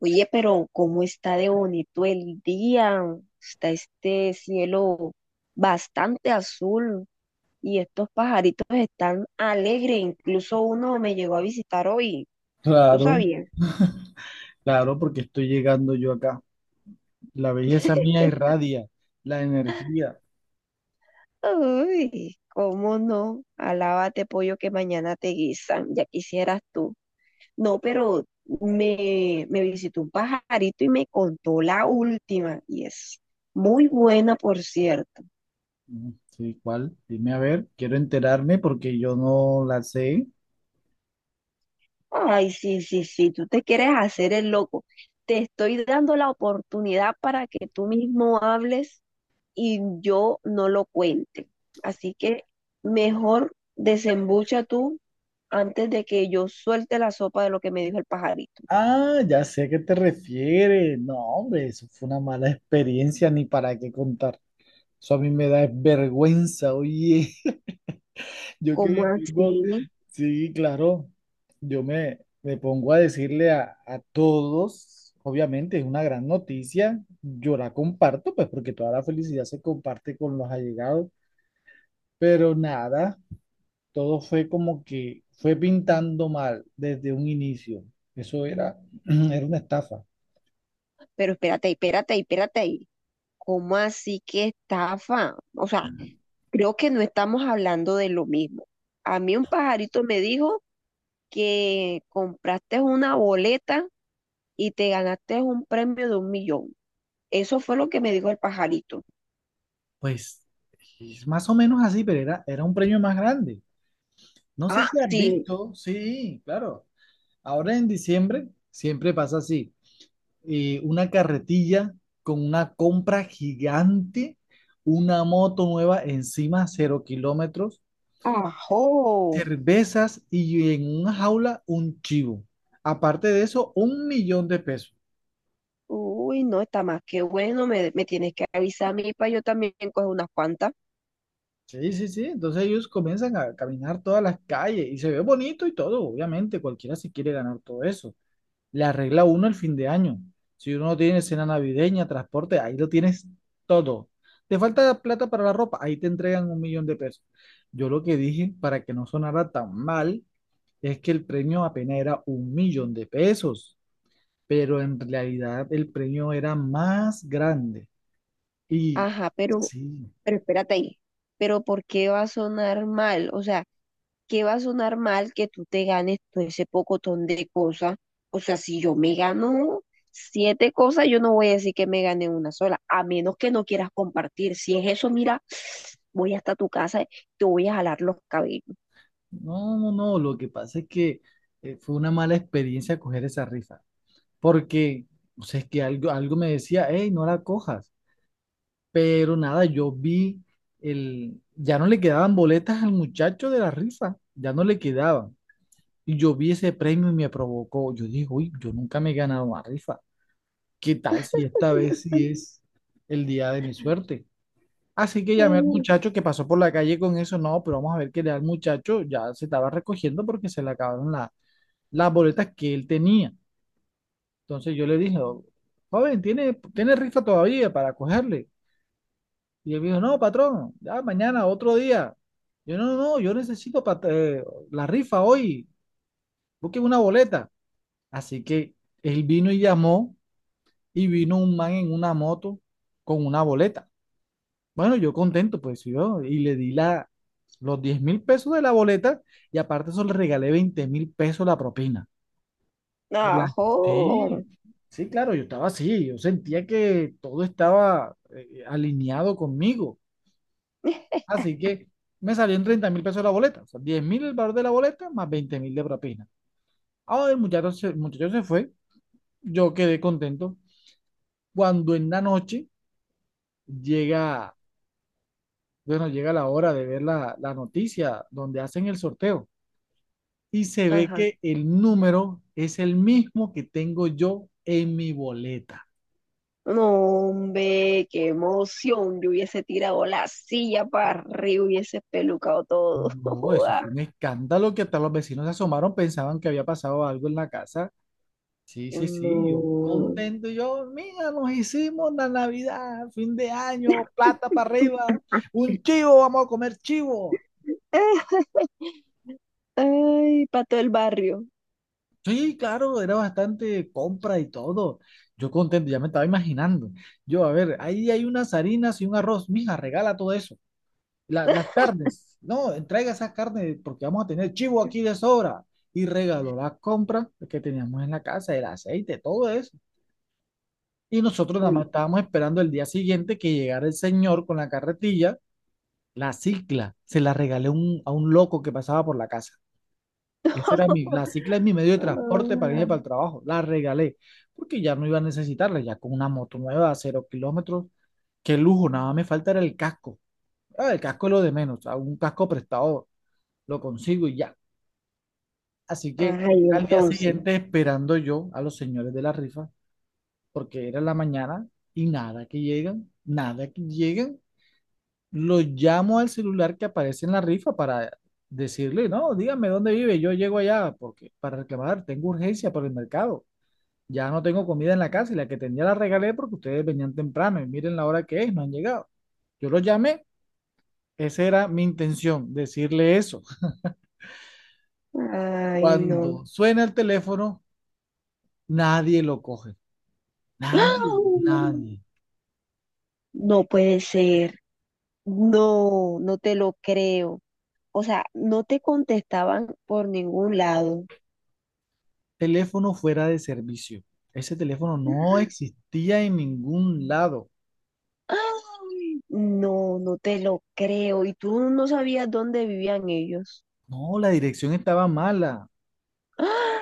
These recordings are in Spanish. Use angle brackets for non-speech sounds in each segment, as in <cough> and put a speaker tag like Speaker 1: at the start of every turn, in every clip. Speaker 1: Oye, pero ¿cómo está de bonito el día? Está este cielo bastante azul y estos pajaritos están alegres. Incluso uno me llegó a visitar hoy. ¿Tú
Speaker 2: Claro,
Speaker 1: sabías?
Speaker 2: claro, porque estoy llegando yo acá. La belleza mía irradia, la energía.
Speaker 1: Uy, ¿cómo no? Alábate pollo que mañana te guisan. Ya quisieras tú. No, pero me visitó un pajarito y me contó la última. Y es muy buena, por cierto.
Speaker 2: Mm, sí, ¿cuál? Dime a ver, quiero enterarme porque yo no la sé.
Speaker 1: Ay, sí, sí, sí, tú te quieres hacer el loco. Te estoy dando la oportunidad para que tú mismo hables y yo no lo cuente. Así que mejor desembucha tú antes de que yo suelte la sopa de lo que me dijo el pajarito.
Speaker 2: Ah, ya sé a qué te refieres. No, hombre, eso fue una mala experiencia, ni para qué contar. Eso a mí me da vergüenza, oye. Yo que
Speaker 1: ¿Cómo
Speaker 2: me pongo,
Speaker 1: así?
Speaker 2: sí, claro, yo me pongo a decirle a todos, obviamente es una gran noticia, yo la comparto, pues porque toda la felicidad se comparte con los allegados, pero nada, todo fue como que fue pintando mal desde un inicio, eso era, <clears throat> era una estafa.
Speaker 1: Pero espérate, espérate, espérate ahí. ¿Cómo así que estafa? O sea, creo que no estamos hablando de lo mismo. A mí un pajarito me dijo que compraste una boleta y te ganaste un premio de 1 millón. Eso fue lo que me dijo el pajarito.
Speaker 2: Pues es más o menos así, pero era un premio más grande. No sé
Speaker 1: Ah,
Speaker 2: si has
Speaker 1: sí.
Speaker 2: visto, sí, claro, ahora en diciembre siempre pasa así. Una carretilla con una compra gigante, una moto nueva encima, cero kilómetros,
Speaker 1: Ajo.
Speaker 2: cervezas y en una jaula un chivo. Aparte de eso, un millón de pesos.
Speaker 1: Uy, no, está más que bueno. Me tienes que avisar a mí para yo también coger unas cuantas.
Speaker 2: Sí, sí, sí. Entonces ellos comienzan a caminar todas las calles y se ve bonito y todo, obviamente. Cualquiera se quiere ganar todo eso. Le arregla uno el fin de año. Si uno no tiene cena navideña, transporte, ahí lo tienes todo. Te falta plata para la ropa, ahí te entregan un millón de pesos. Yo lo que dije, para que no sonara tan mal, es que el premio apenas era un millón de pesos, pero en realidad el premio era más grande. Y
Speaker 1: Ajá,
Speaker 2: sí,
Speaker 1: pero espérate ahí. Pero ¿por qué va a sonar mal? O sea, qué va a sonar mal que tú te ganes todo ese pocotón de cosas. O sea, si yo me gano siete cosas, yo no voy a decir que me gané una sola, a menos que no quieras compartir. Si es eso, mira, voy hasta tu casa, te voy a jalar los cabellos.
Speaker 2: no, no, no, lo que pasa es que fue una mala experiencia coger esa rifa, porque, o sea, es que algo me decía, hey, no la cojas. Pero nada, yo vi el, ya no le quedaban boletas al muchacho de la rifa, ya no le quedaban. Y yo vi ese premio y me provocó. Yo dije, uy, yo nunca me he ganado una rifa. ¿Qué tal si esta vez sí es el día de mi suerte? Así que llamé al
Speaker 1: Mm.
Speaker 2: muchacho que pasó por la calle con eso. No, pero vamos a ver qué le da al muchacho. Ya se estaba recogiendo porque se le acabaron las boletas que él tenía. Entonces yo le dije, "Oh, joven, ¿tiene rifa todavía para cogerle?" Y él me dijo, no, patrón, ya mañana, otro día. Yo, no, no, no, yo necesito la rifa hoy, busquen una boleta. Así que él vino y llamó y vino un man en una moto con una boleta. Bueno, yo contento, pues yo, y le di la, los 10.000 pesos de la boleta y aparte eso le regalé 20.000 pesos la propina. Por la-
Speaker 1: Ajo.
Speaker 2: Sí, sí, claro, yo estaba así, yo sentía que todo estaba alineado conmigo. Así que me salió en 30.000 pesos la boleta. O sea, 10 mil el valor de la boleta más 20.000 de propina. Ahora el muchacho, el muchacho se fue. Yo quedé contento. Cuando en la noche llega, bueno, llega la hora de ver la noticia donde hacen el sorteo. Y se ve
Speaker 1: Ajá.
Speaker 2: que el número es el mismo que tengo yo en mi boleta.
Speaker 1: No, hombre, qué emoción. Yo hubiese tirado la silla para arriba, hubiese pelucado todo. <laughs>
Speaker 2: No, eso
Speaker 1: Joda.
Speaker 2: fue un escándalo que hasta los vecinos se asomaron, pensaban que había pasado algo en la casa. Sí, sí, sí, yo
Speaker 1: No.
Speaker 2: contento, yo, mira, nos hicimos la Navidad, fin de año, plata para arriba, un chivo, vamos a comer chivo.
Speaker 1: Ah, ay, para todo el barrio.
Speaker 2: Sí, claro, era bastante compra y todo. Yo contento, ya me estaba imaginando. Yo, a ver, ahí hay unas harinas y un arroz, mija, regala todo eso. Las carnes, no, entrega esas carnes porque vamos a tener chivo aquí de sobra. Y regaló la compra que teníamos en la casa, el aceite, todo eso. Y nosotros nada más
Speaker 1: Uy.
Speaker 2: estábamos esperando el día siguiente que llegara el señor con la carretilla, la cicla. Se la regalé a un loco que pasaba por la casa. Esa era mi, la cicla es mi
Speaker 1: <laughs>
Speaker 2: medio de transporte para irme
Speaker 1: Ah,
Speaker 2: para el trabajo. La regalé porque ya no iba a necesitarla, ya con una moto nueva a cero kilómetros. Qué lujo, nada más me falta era el casco. Ah, el casco es lo de menos, a un casco prestado lo consigo y ya. Así que
Speaker 1: ay,
Speaker 2: al día
Speaker 1: entonces.
Speaker 2: siguiente esperando yo a los señores de la rifa, porque era en la mañana y nada que llegan, nada que llegan. Lo llamo al celular que aparece en la rifa para decirle, no, dígame dónde vive, yo llego allá porque para reclamar, tengo urgencia por el mercado. Ya no tengo comida en la casa y la que tenía la regalé porque ustedes venían temprano y miren la hora que es, no han llegado. Yo lo llamé, esa era mi intención, decirle eso.
Speaker 1: Ay, no.
Speaker 2: Cuando suena el teléfono, nadie lo coge,
Speaker 1: <gasps> ¡Ah!
Speaker 2: nadie, nadie.
Speaker 1: No puede ser. No, no te lo creo. O sea, no te contestaban por ningún lado.
Speaker 2: Teléfono fuera de servicio. Ese teléfono no existía en ningún lado.
Speaker 1: <gasps> Ay, no, no te lo creo. Y tú no sabías dónde vivían ellos.
Speaker 2: No, la dirección estaba mala.
Speaker 1: <gasps> ¡Ah!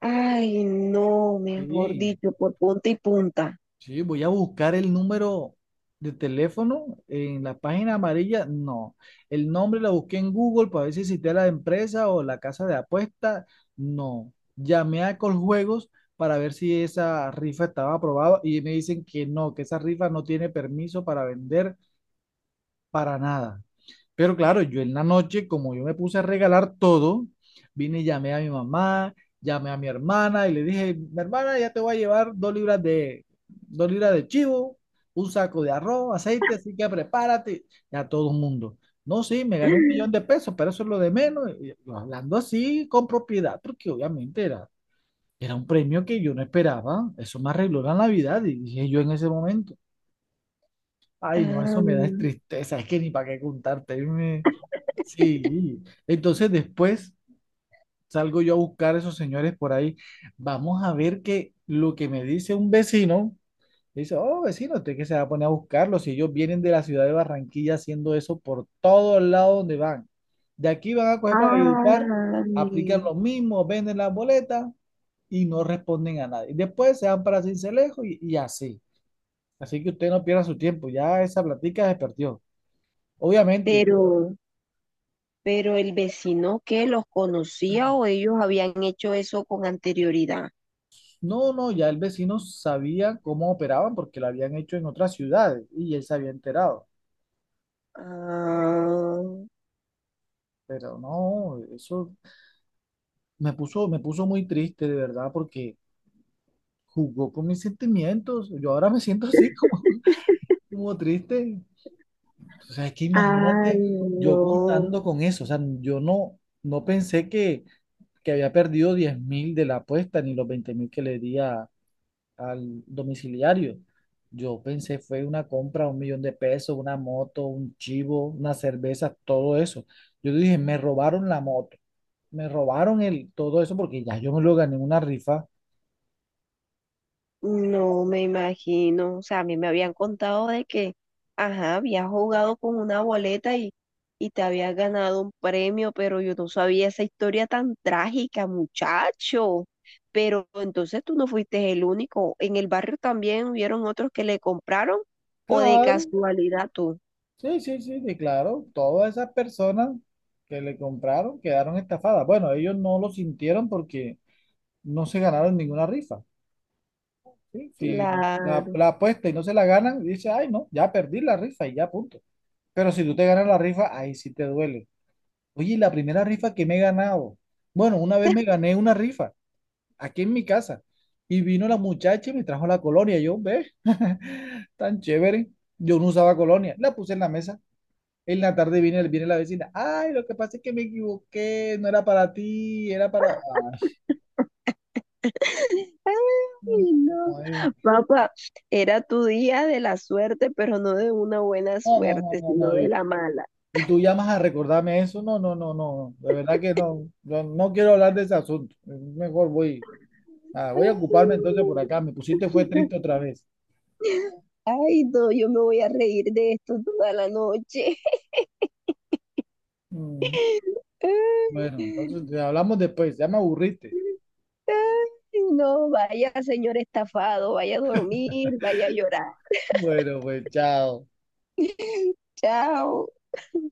Speaker 1: Ay, no, mejor
Speaker 2: Sí,
Speaker 1: dicho, por punta y punta.
Speaker 2: sí, voy a buscar el número de teléfono en la página amarilla. No, el nombre lo busqué en Google para ver si existía la empresa o la casa de apuestas. No, llamé a Coljuegos para ver si esa rifa estaba aprobada y me dicen que no, que esa rifa no tiene permiso para vender para nada. Pero claro, yo en la noche, como yo me puse a regalar todo, vine y llamé a mi mamá, llamé a mi hermana y le dije, mi hermana, ya te voy a llevar 2 libras de chivo, un saco de arroz, aceite, así que prepárate. Y a todo el mundo. No, sí, me gané un
Speaker 1: <gasps>
Speaker 2: millón de pesos, pero eso es lo de menos. Y yo hablando así con propiedad, porque obviamente era, era un premio que yo no esperaba. Eso me arregló la Navidad, y dije yo en ese momento. Ay, no, eso me da es
Speaker 1: Am,
Speaker 2: tristeza, es que ni para qué contarte. Sí, entonces después salgo yo a buscar a esos señores por ahí. Vamos a ver que lo que me dice un vecino, dice, oh vecino, usted que se va a poner a buscarlos. Si ellos vienen de la ciudad de Barranquilla haciendo eso por todos lados donde van. De aquí van a coger para Valledupar, aplican
Speaker 1: ay,
Speaker 2: lo mismo, venden las boletas y no responden a nadie. Después se van para Cincelejo y así. Así que usted no pierda su tiempo, ya esa platica se perdió. Obviamente.
Speaker 1: pero Pero el vecino que los conocía o ellos habían hecho eso con anterioridad.
Speaker 2: No, no, ya el vecino sabía cómo operaban porque lo habían hecho en otras ciudades y él se había enterado.
Speaker 1: Ah,
Speaker 2: Pero no, eso me puso muy triste de verdad porque jugó con mis sentimientos. Yo ahora me siento así como, <laughs> como triste. O sea, es que
Speaker 1: ah,
Speaker 2: imagínate yo
Speaker 1: no,
Speaker 2: contando con eso. O sea, yo no, no pensé que había perdido 10.000 de la apuesta ni los 20.000 que le di a, al domiciliario. Yo pensé fue una compra, un millón de pesos, una moto, un chivo, una cerveza, todo eso. Yo dije, me robaron la moto, me robaron el, todo eso porque ya yo me lo gané en una rifa.
Speaker 1: no me imagino. O sea, a mí me habían contado de que, ajá, habías jugado con una boleta y te habías ganado un premio, pero yo no sabía esa historia tan trágica, muchacho. Pero entonces tú no fuiste el único. En el barrio también hubieron otros que le compraron o de
Speaker 2: Claro,
Speaker 1: casualidad tú.
Speaker 2: sí, sí, sí, sí, claro. Todas esas personas que le compraron quedaron estafadas. Bueno, ellos no lo sintieron porque no se ganaron ninguna rifa. ¿Sí? Si la,
Speaker 1: Claro.
Speaker 2: la apuesta y no se la ganan, dice, ay, no, ya perdí la rifa y ya punto. Pero si tú te ganas la rifa, ahí sí te duele. Oye, y la primera rifa que me he ganado. Bueno, una vez me gané una rifa aquí en mi casa y vino la muchacha y me trajo la colonia. Yo, ve, <laughs> tan chévere. Yo no usaba colonia. La puse en la mesa. En la tarde viene la vecina. Ay, lo que pasa es que me equivoqué. No era para ti, era para...
Speaker 1: Ay, no.
Speaker 2: Ay,
Speaker 1: Papá, era tu día de la suerte, pero no de una buena
Speaker 2: no, no, no,
Speaker 1: suerte,
Speaker 2: no, No, no,
Speaker 1: sino
Speaker 2: no, no. No.
Speaker 1: de
Speaker 2: Y,
Speaker 1: la mala.
Speaker 2: y tú llamas a recordarme eso. No, no, no, no. De verdad que no. No, no quiero hablar de ese asunto. Mejor voy. Ah, voy a ocuparme entonces
Speaker 1: Ay,
Speaker 2: por acá. Me pusiste fue triste otra vez.
Speaker 1: ay, no, yo me voy a reír de esto toda la noche.
Speaker 2: Mm, bueno, entonces
Speaker 1: <laughs>
Speaker 2: te hablamos después. Ya me aburriste.
Speaker 1: Ay, no, vaya, señor estafado, vaya a dormir, vaya a llorar.
Speaker 2: Bueno, pues chao.
Speaker 1: Chao.